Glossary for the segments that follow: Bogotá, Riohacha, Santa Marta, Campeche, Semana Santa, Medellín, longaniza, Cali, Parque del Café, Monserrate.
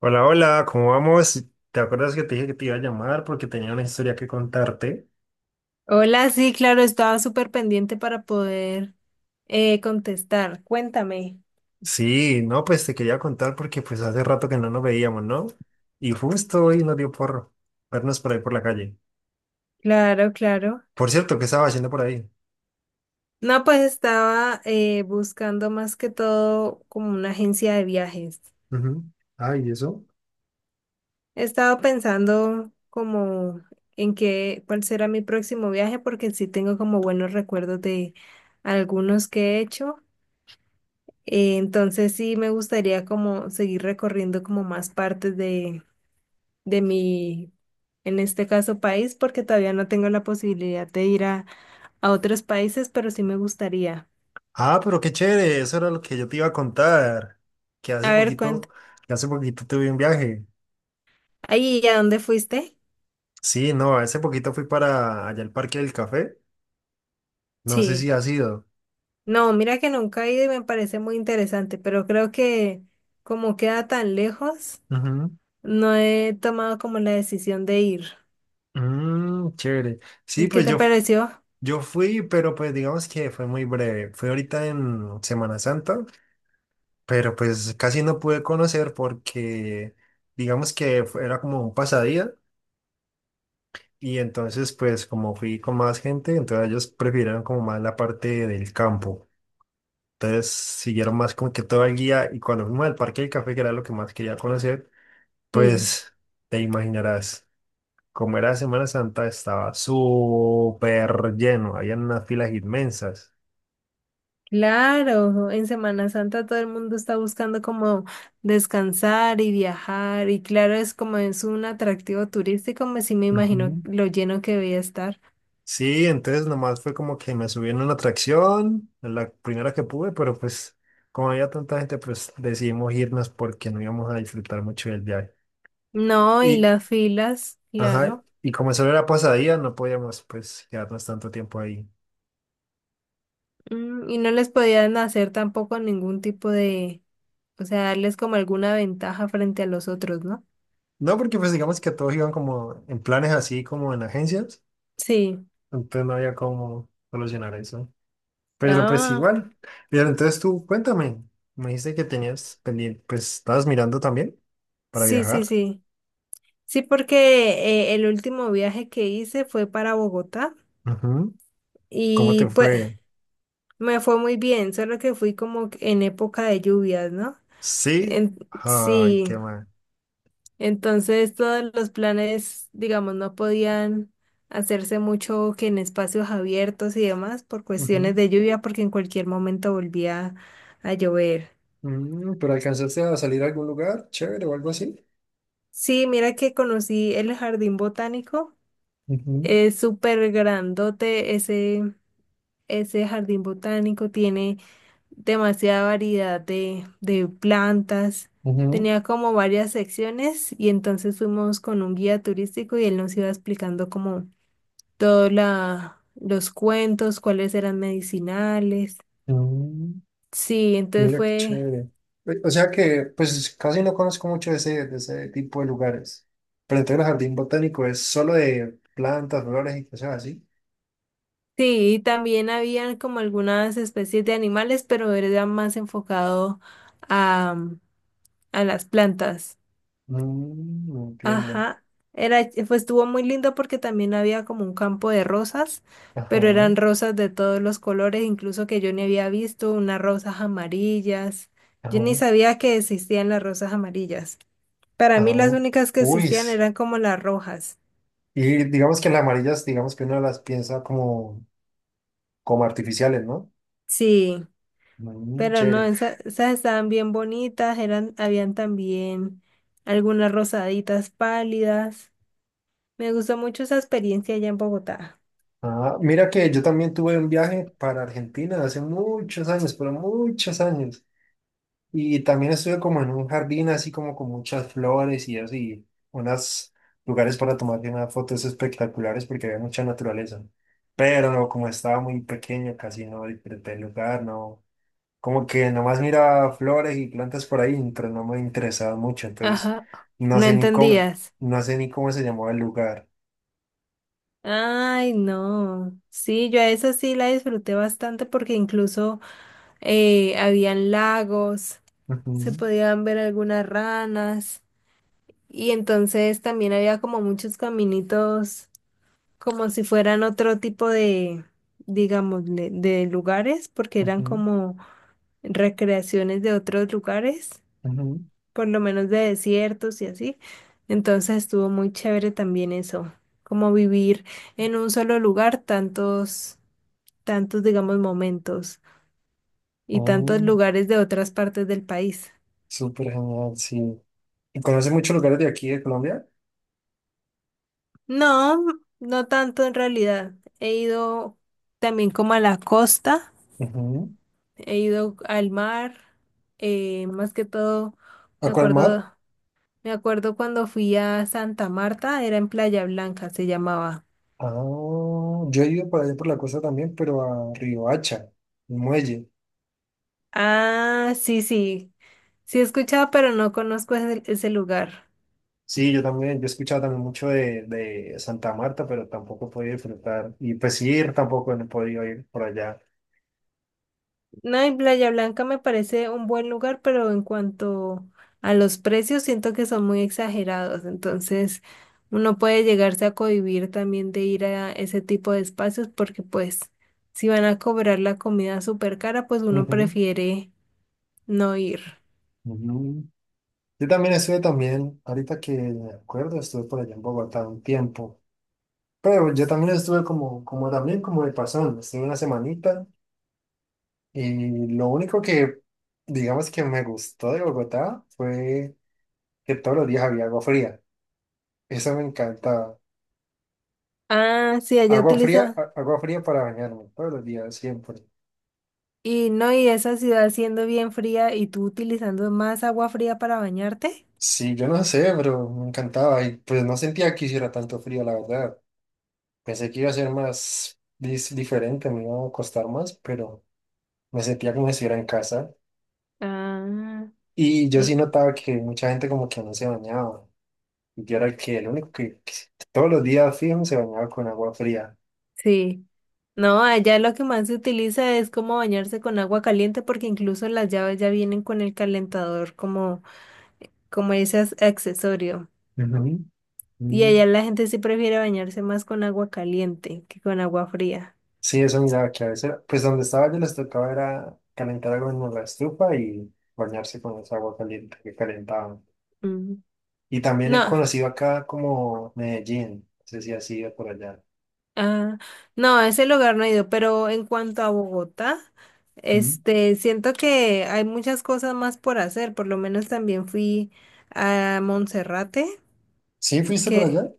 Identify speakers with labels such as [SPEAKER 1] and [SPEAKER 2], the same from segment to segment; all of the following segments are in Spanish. [SPEAKER 1] Hola, hola, ¿cómo vamos? ¿Te acuerdas que te dije que te iba a llamar porque tenía una historia que contarte?
[SPEAKER 2] Hola, sí, claro, estaba súper pendiente para poder contestar. Cuéntame.
[SPEAKER 1] Sí, no, pues te quería contar porque pues hace rato que no nos veíamos, ¿no? Y justo hoy nos dio por vernos por ahí por la calle.
[SPEAKER 2] Claro, claro.
[SPEAKER 1] Por cierto, ¿qué estaba haciendo por ahí?
[SPEAKER 2] No, pues estaba buscando más que todo como una agencia de viajes.
[SPEAKER 1] Ujú. Ah, ¿y eso?
[SPEAKER 2] He estado pensando como en cuál será mi próximo viaje, porque sí tengo como buenos recuerdos de algunos que he hecho. Entonces sí me gustaría como seguir recorriendo como más partes de en este caso, país, porque todavía no tengo la posibilidad de ir a otros países, pero sí me gustaría.
[SPEAKER 1] Ah, pero qué chévere, eso era lo que yo te iba a contar. Que hace
[SPEAKER 2] A ver,
[SPEAKER 1] poquito,
[SPEAKER 2] cuánto.
[SPEAKER 1] que hace poquito tuve un viaje.
[SPEAKER 2] Ahí, ¿y a dónde fuiste?
[SPEAKER 1] Sí, no, hace poquito fui para allá al Parque del Café. No sé si
[SPEAKER 2] Sí.
[SPEAKER 1] has ido.
[SPEAKER 2] No, mira que nunca he ido y me parece muy interesante, pero creo que como queda tan lejos,
[SPEAKER 1] Ujú.
[SPEAKER 2] no he tomado como la decisión de ir.
[SPEAKER 1] Mm, chévere. Sí,
[SPEAKER 2] ¿Y qué
[SPEAKER 1] pues
[SPEAKER 2] te
[SPEAKER 1] yo,
[SPEAKER 2] pareció?
[SPEAKER 1] Yo fui, pero pues digamos que fue muy breve. Fui ahorita en Semana Santa, pero pues casi no pude conocer porque digamos que era como un pasadía y entonces pues como fui con más gente, entonces ellos prefirieron como más la parte del campo. Entonces siguieron más como que todo el guía y cuando fuimos al Parque del Café, que era lo que más quería conocer,
[SPEAKER 2] Sí.
[SPEAKER 1] pues te imaginarás, como era Semana Santa estaba súper lleno, había unas filas inmensas.
[SPEAKER 2] Claro, en Semana Santa todo el mundo está buscando como descansar y viajar y claro, es como es un atractivo turístico, me sí me imagino
[SPEAKER 1] Ujú.
[SPEAKER 2] lo lleno que debía estar.
[SPEAKER 1] Sí, entonces nomás fue como que me subí en una atracción, en la primera que pude, pero pues como había tanta gente, pues decidimos irnos porque no íbamos a disfrutar mucho del viaje.
[SPEAKER 2] No, y
[SPEAKER 1] Y,
[SPEAKER 2] las filas,
[SPEAKER 1] ajá,
[SPEAKER 2] claro.
[SPEAKER 1] y como solo era pasadía, no podíamos pues quedarnos tanto tiempo ahí.
[SPEAKER 2] Mm, y no les podían hacer tampoco ningún tipo de, o sea, darles como alguna ventaja frente a los otros, ¿no?
[SPEAKER 1] No, porque pues digamos que todos iban como en planes así como en agencias,
[SPEAKER 2] Sí.
[SPEAKER 1] entonces no había cómo solucionar eso. Pero pues
[SPEAKER 2] Ah,
[SPEAKER 1] igual. Pero entonces tú cuéntame, me dijiste que tenías pendiente, pues estabas mirando también para
[SPEAKER 2] sí, sí,
[SPEAKER 1] viajar.
[SPEAKER 2] sí. Sí, porque el último viaje que hice fue para Bogotá.
[SPEAKER 1] ¿Cómo
[SPEAKER 2] Y
[SPEAKER 1] te
[SPEAKER 2] pues
[SPEAKER 1] fue?
[SPEAKER 2] me fue muy bien, solo que fui como que en época de lluvias, ¿no?
[SPEAKER 1] Sí.
[SPEAKER 2] En-
[SPEAKER 1] Ay,
[SPEAKER 2] sí,
[SPEAKER 1] qué mal.
[SPEAKER 2] entonces todos los planes, digamos, no podían hacerse mucho que en espacios abiertos y demás por
[SPEAKER 1] Ujú.
[SPEAKER 2] cuestiones de lluvia, porque en cualquier momento volvía a llover.
[SPEAKER 1] Mm, ¿pero alcanzaste a salir a algún lugar chévere o algo así?
[SPEAKER 2] Sí, mira que conocí el jardín botánico,
[SPEAKER 1] Ujú,
[SPEAKER 2] es súper grandote ese jardín botánico, tiene demasiada variedad de plantas.
[SPEAKER 1] ujú,
[SPEAKER 2] Tenía como varias secciones y entonces fuimos con un guía turístico y él nos iba explicando como todos los cuentos, cuáles eran medicinales.
[SPEAKER 1] mm,
[SPEAKER 2] Sí, entonces
[SPEAKER 1] mira qué
[SPEAKER 2] fue...
[SPEAKER 1] chévere. O sea que, pues casi no conozco mucho de ese tipo de lugares. Pero entonces el jardín botánico es solo de plantas, flores y cosas así.
[SPEAKER 2] Sí, y también habían como algunas especies de animales, pero era más enfocado a, a las plantas.
[SPEAKER 1] Mm, entiendo.
[SPEAKER 2] Ajá, era, fue estuvo muy lindo porque también había como un campo de rosas,
[SPEAKER 1] Ajá,
[SPEAKER 2] pero eran rosas de todos los colores, incluso que yo ni había visto, unas rosas amarillas.
[SPEAKER 1] ajá,
[SPEAKER 2] Yo ni sabía que existían las rosas amarillas. Para mí
[SPEAKER 1] ajá.
[SPEAKER 2] las únicas que
[SPEAKER 1] Uy.
[SPEAKER 2] existían
[SPEAKER 1] S-
[SPEAKER 2] eran como las rojas.
[SPEAKER 1] Y digamos que las amarillas, digamos que uno las piensa como, como artificiales, ¿no?
[SPEAKER 2] Sí,
[SPEAKER 1] Mm,
[SPEAKER 2] pero no,
[SPEAKER 1] chévere.
[SPEAKER 2] esas estaban bien bonitas, eran, habían también algunas rosaditas pálidas. Me gustó mucho esa experiencia allá en Bogotá.
[SPEAKER 1] Ah, mira que yo también tuve un viaje para Argentina hace muchos años, pero muchos años. Y también estuve como en un jardín así como con muchas flores y así, unos lugares para tomar unas fotos espectaculares porque había mucha naturaleza. Pero no, como estaba muy pequeño, casi no disfruté el lugar, no. Como que nomás miraba flores y plantas por ahí, pero no me interesaba mucho, entonces
[SPEAKER 2] Ajá,
[SPEAKER 1] no
[SPEAKER 2] no
[SPEAKER 1] sé ni cómo,
[SPEAKER 2] entendías.
[SPEAKER 1] no sé ni cómo se llamaba el lugar.
[SPEAKER 2] Ay, no. Sí, yo a esa sí la disfruté bastante porque incluso habían lagos, se
[SPEAKER 1] Ujú,
[SPEAKER 2] podían ver algunas ranas y entonces también había como muchos caminitos como si fueran otro tipo de, digamos, de lugares porque eran
[SPEAKER 1] ujú,
[SPEAKER 2] como recreaciones de otros lugares
[SPEAKER 1] ujú.
[SPEAKER 2] por lo menos de desiertos y así. Entonces estuvo muy chévere también eso, como vivir en un solo lugar tantos, digamos, momentos y tantos
[SPEAKER 1] Oh,
[SPEAKER 2] lugares de otras partes del país.
[SPEAKER 1] súper genial, sí. ¿Y conoce muchos lugares de aquí de Colombia?
[SPEAKER 2] No, no tanto en realidad. He ido también como a la costa,
[SPEAKER 1] Ujú.
[SPEAKER 2] he ido al mar, más que todo,
[SPEAKER 1] ¿A
[SPEAKER 2] me
[SPEAKER 1] cuál mar?
[SPEAKER 2] acuerdo, me acuerdo cuando fui a Santa Marta, era en Playa Blanca, se llamaba.
[SPEAKER 1] Ah, yo he ido por allá por la costa también, pero a Riohacha, el muelle.
[SPEAKER 2] Ah, sí, sí. Sí he escuchado, pero no conozco ese lugar.
[SPEAKER 1] Sí, yo también, yo he escuchado también mucho de Santa Marta, pero tampoco he podido disfrutar. Y pues ir tampoco no he podido ir por allá.
[SPEAKER 2] No, en Playa Blanca me parece un buen lugar, pero en cuanto a los precios, siento que son muy exagerados. Entonces, uno puede llegarse a cohibir también de ir a ese tipo de espacios porque pues si van a cobrar la comida súper cara, pues uno
[SPEAKER 1] Ujú,
[SPEAKER 2] prefiere no ir.
[SPEAKER 1] ujú. Yo también estuve también, ahorita que me acuerdo, estuve por allá en Bogotá un tiempo. Pero yo también estuve como, como también como de pasón, estuve una semanita. Y lo único que, digamos que me gustó de Bogotá fue que todos los días había agua fría. Eso me encantaba.
[SPEAKER 2] Ah, sí, allá
[SPEAKER 1] Agua fría,
[SPEAKER 2] utiliza.
[SPEAKER 1] agua fría para bañarme, todos los días, siempre.
[SPEAKER 2] Y no, y esa ciudad siendo bien fría y tú utilizando más agua fría para bañarte.
[SPEAKER 1] Sí, yo no sé, pero me encantaba. Y pues no sentía que hiciera tanto frío, la verdad. Pensé que iba a ser más diferente, me iba a costar más, pero me sentía como si estuviera en casa.
[SPEAKER 2] Ah,
[SPEAKER 1] Y yo sí
[SPEAKER 2] n-
[SPEAKER 1] notaba que mucha gente como que no se bañaba. Y yo era el que el único que todos los días fijo se bañaba con agua fría.
[SPEAKER 2] sí. No, allá lo que más se utiliza es como bañarse con agua caliente porque incluso las llaves ya vienen con el calentador como, como ese accesorio. Y
[SPEAKER 1] Mm.
[SPEAKER 2] allá la gente sí prefiere bañarse más con agua caliente que con agua fría.
[SPEAKER 1] Sí, eso miraba que a veces, pues donde estaba yo les tocaba era calentar algo en la estufa y bañarse con esa agua caliente que calentaban.
[SPEAKER 2] Mm.
[SPEAKER 1] Y también he
[SPEAKER 2] No,
[SPEAKER 1] conocido acá como Medellín, no sé si has ido por allá.
[SPEAKER 2] ah, no, a ese lugar no he ido, pero en cuanto a Bogotá,
[SPEAKER 1] Mm.
[SPEAKER 2] este, siento que hay muchas cosas más por hacer. Por lo menos también fui a Monserrate,
[SPEAKER 1] Sí, fuiste por
[SPEAKER 2] que...
[SPEAKER 1] allá,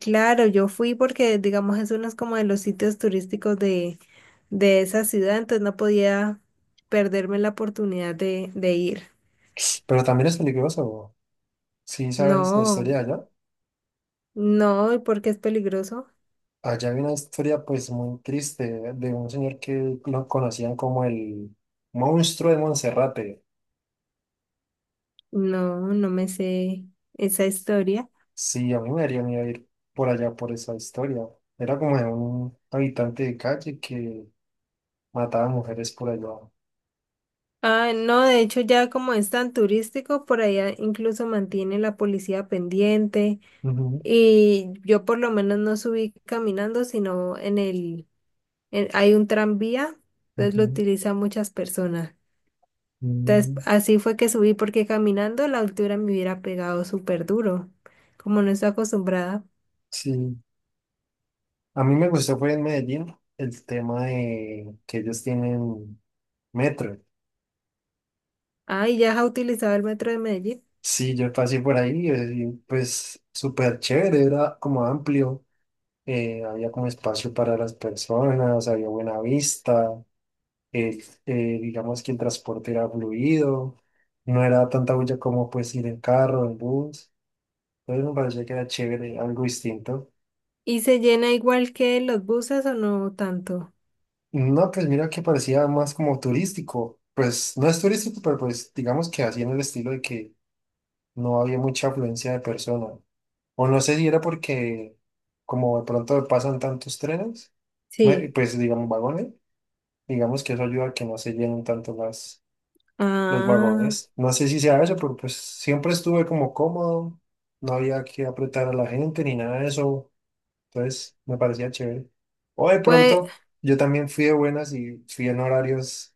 [SPEAKER 2] Claro, yo fui porque, digamos, es uno como de los sitios turísticos de esa ciudad, entonces no podía perderme la oportunidad de ir.
[SPEAKER 1] pero también es peligroso. Sí, sabes la
[SPEAKER 2] No,
[SPEAKER 1] historia de allá.
[SPEAKER 2] no, ¿y por qué es peligroso?
[SPEAKER 1] Allá hay una historia pues muy triste de un señor que lo conocían como el monstruo de Monserrate.
[SPEAKER 2] No, no me sé esa historia.
[SPEAKER 1] Sí, a mí me daría miedo ir por allá por esa historia. Era como de un habitante de calle que mataba mujeres por allá.
[SPEAKER 2] Ah, no, de hecho ya como es tan turístico, por allá incluso mantiene la policía pendiente
[SPEAKER 1] Ujú,
[SPEAKER 2] y yo por lo menos no subí caminando, sino en hay un tranvía, entonces lo
[SPEAKER 1] ujú,
[SPEAKER 2] utilizan muchas personas. Entonces,
[SPEAKER 1] mm,
[SPEAKER 2] así fue que subí porque caminando la altura me hubiera pegado súper duro, como no estoy acostumbrada.
[SPEAKER 1] sí, a mí me gustó fue en Medellín el tema de que ellos tienen metro.
[SPEAKER 2] Ah, ¿y ya has utilizado el metro de Medellín?
[SPEAKER 1] Sí, yo pasé por ahí y pues súper chévere, era como amplio, había como espacio para las personas, había buena vista, eh, digamos que el transporte era fluido, no era tanta bulla como pues ir en carro, en bus, entonces me parecía que era chévere, algo distinto.
[SPEAKER 2] ¿Y se llena igual que los buses o no tanto?
[SPEAKER 1] No, pues mira que parecía más como turístico, pues no es turístico, pero pues digamos que así en el estilo de que no había mucha afluencia de personas, o no sé si era porque como de pronto pasan tantos trenes,
[SPEAKER 2] Sí.
[SPEAKER 1] pues digamos vagones, digamos que eso ayuda a que no se llenen tanto las los
[SPEAKER 2] Ah,
[SPEAKER 1] vagones. No sé si sea eso, pero pues siempre estuve como cómodo, no había que apretar a la gente ni nada de eso, entonces me parecía chévere. O de
[SPEAKER 2] pues,
[SPEAKER 1] pronto, yo también fui de buenas y fui en horarios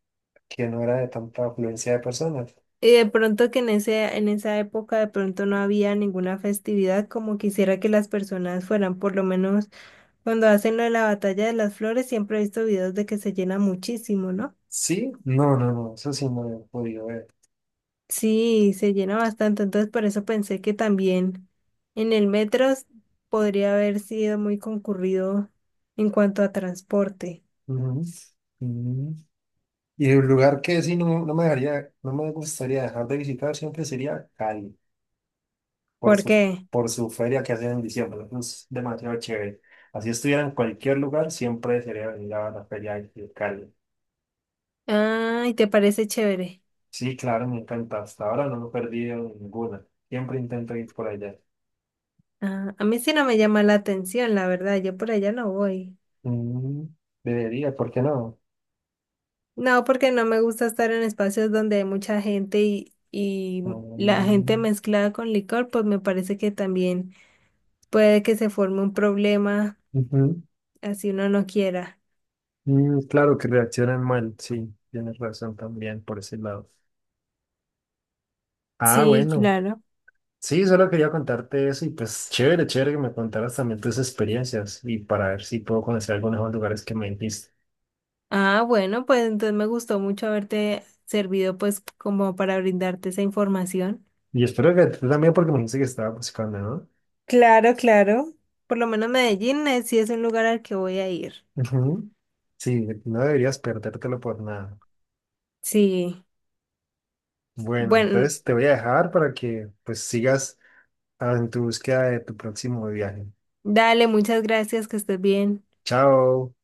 [SPEAKER 1] que no era de tanta afluencia de personas.
[SPEAKER 2] y de pronto que en en esa época de pronto no había ninguna festividad como quisiera que las personas fueran, por lo menos cuando hacen lo de la batalla de las flores, siempre he visto videos de que se llena muchísimo, ¿no?
[SPEAKER 1] Sí, no, no, no, eso sí no lo he podido ver.
[SPEAKER 2] Sí, se llena bastante, entonces por eso pensé que también en el podría haber sido muy concurrido en cuanto a transporte.
[SPEAKER 1] Ujú. Mm. Y el lugar que sí no, no me dejaría, no me gustaría dejar de visitar siempre sería Cali. Por
[SPEAKER 2] ¿Por
[SPEAKER 1] su,
[SPEAKER 2] qué?
[SPEAKER 1] por su feria que hacen en diciembre. Eso es demasiado chévere. Así estuviera en cualquier lugar, siempre sería venir a la feria de Cali.
[SPEAKER 2] Ay, ¿te parece chévere?
[SPEAKER 1] Sí, claro, me encanta. Hasta ahora no me he perdido ninguna. Siempre intento ir por allá.
[SPEAKER 2] Ah, a mí sí no me llama la atención, la verdad, yo por allá no voy.
[SPEAKER 1] Mm, debería, ¿por qué no?
[SPEAKER 2] No, porque no me gusta estar en espacios donde hay mucha gente y la gente
[SPEAKER 1] Mm,
[SPEAKER 2] mezclada con licor, pues me parece que también puede que se forme un problema
[SPEAKER 1] ujú.
[SPEAKER 2] así uno no quiera.
[SPEAKER 1] Mm, claro que reaccionan mal, sí, tienes razón también por ese lado. Ah,
[SPEAKER 2] Sí,
[SPEAKER 1] bueno.
[SPEAKER 2] claro.
[SPEAKER 1] Sí, solo quería contarte eso y pues chévere, chévere que me contaras también tus experiencias y para ver si puedo conocer algunos de los lugares que me dijiste.
[SPEAKER 2] Ah, bueno, pues entonces me gustó mucho haberte servido pues como para brindarte esa información.
[SPEAKER 1] Y espero que tú también, porque me dijiste que estaba buscando, ¿no?
[SPEAKER 2] Claro, claro. Por lo menos Medellín sí es un lugar al que voy a ir.
[SPEAKER 1] Ujú. Sí, no deberías perdértelo por nada.
[SPEAKER 2] Sí.
[SPEAKER 1] Bueno,
[SPEAKER 2] Bueno,
[SPEAKER 1] entonces te voy a dejar para que pues sigas en tu búsqueda de tu próximo viaje.
[SPEAKER 2] dale, muchas gracias, que estés bien.
[SPEAKER 1] Chao.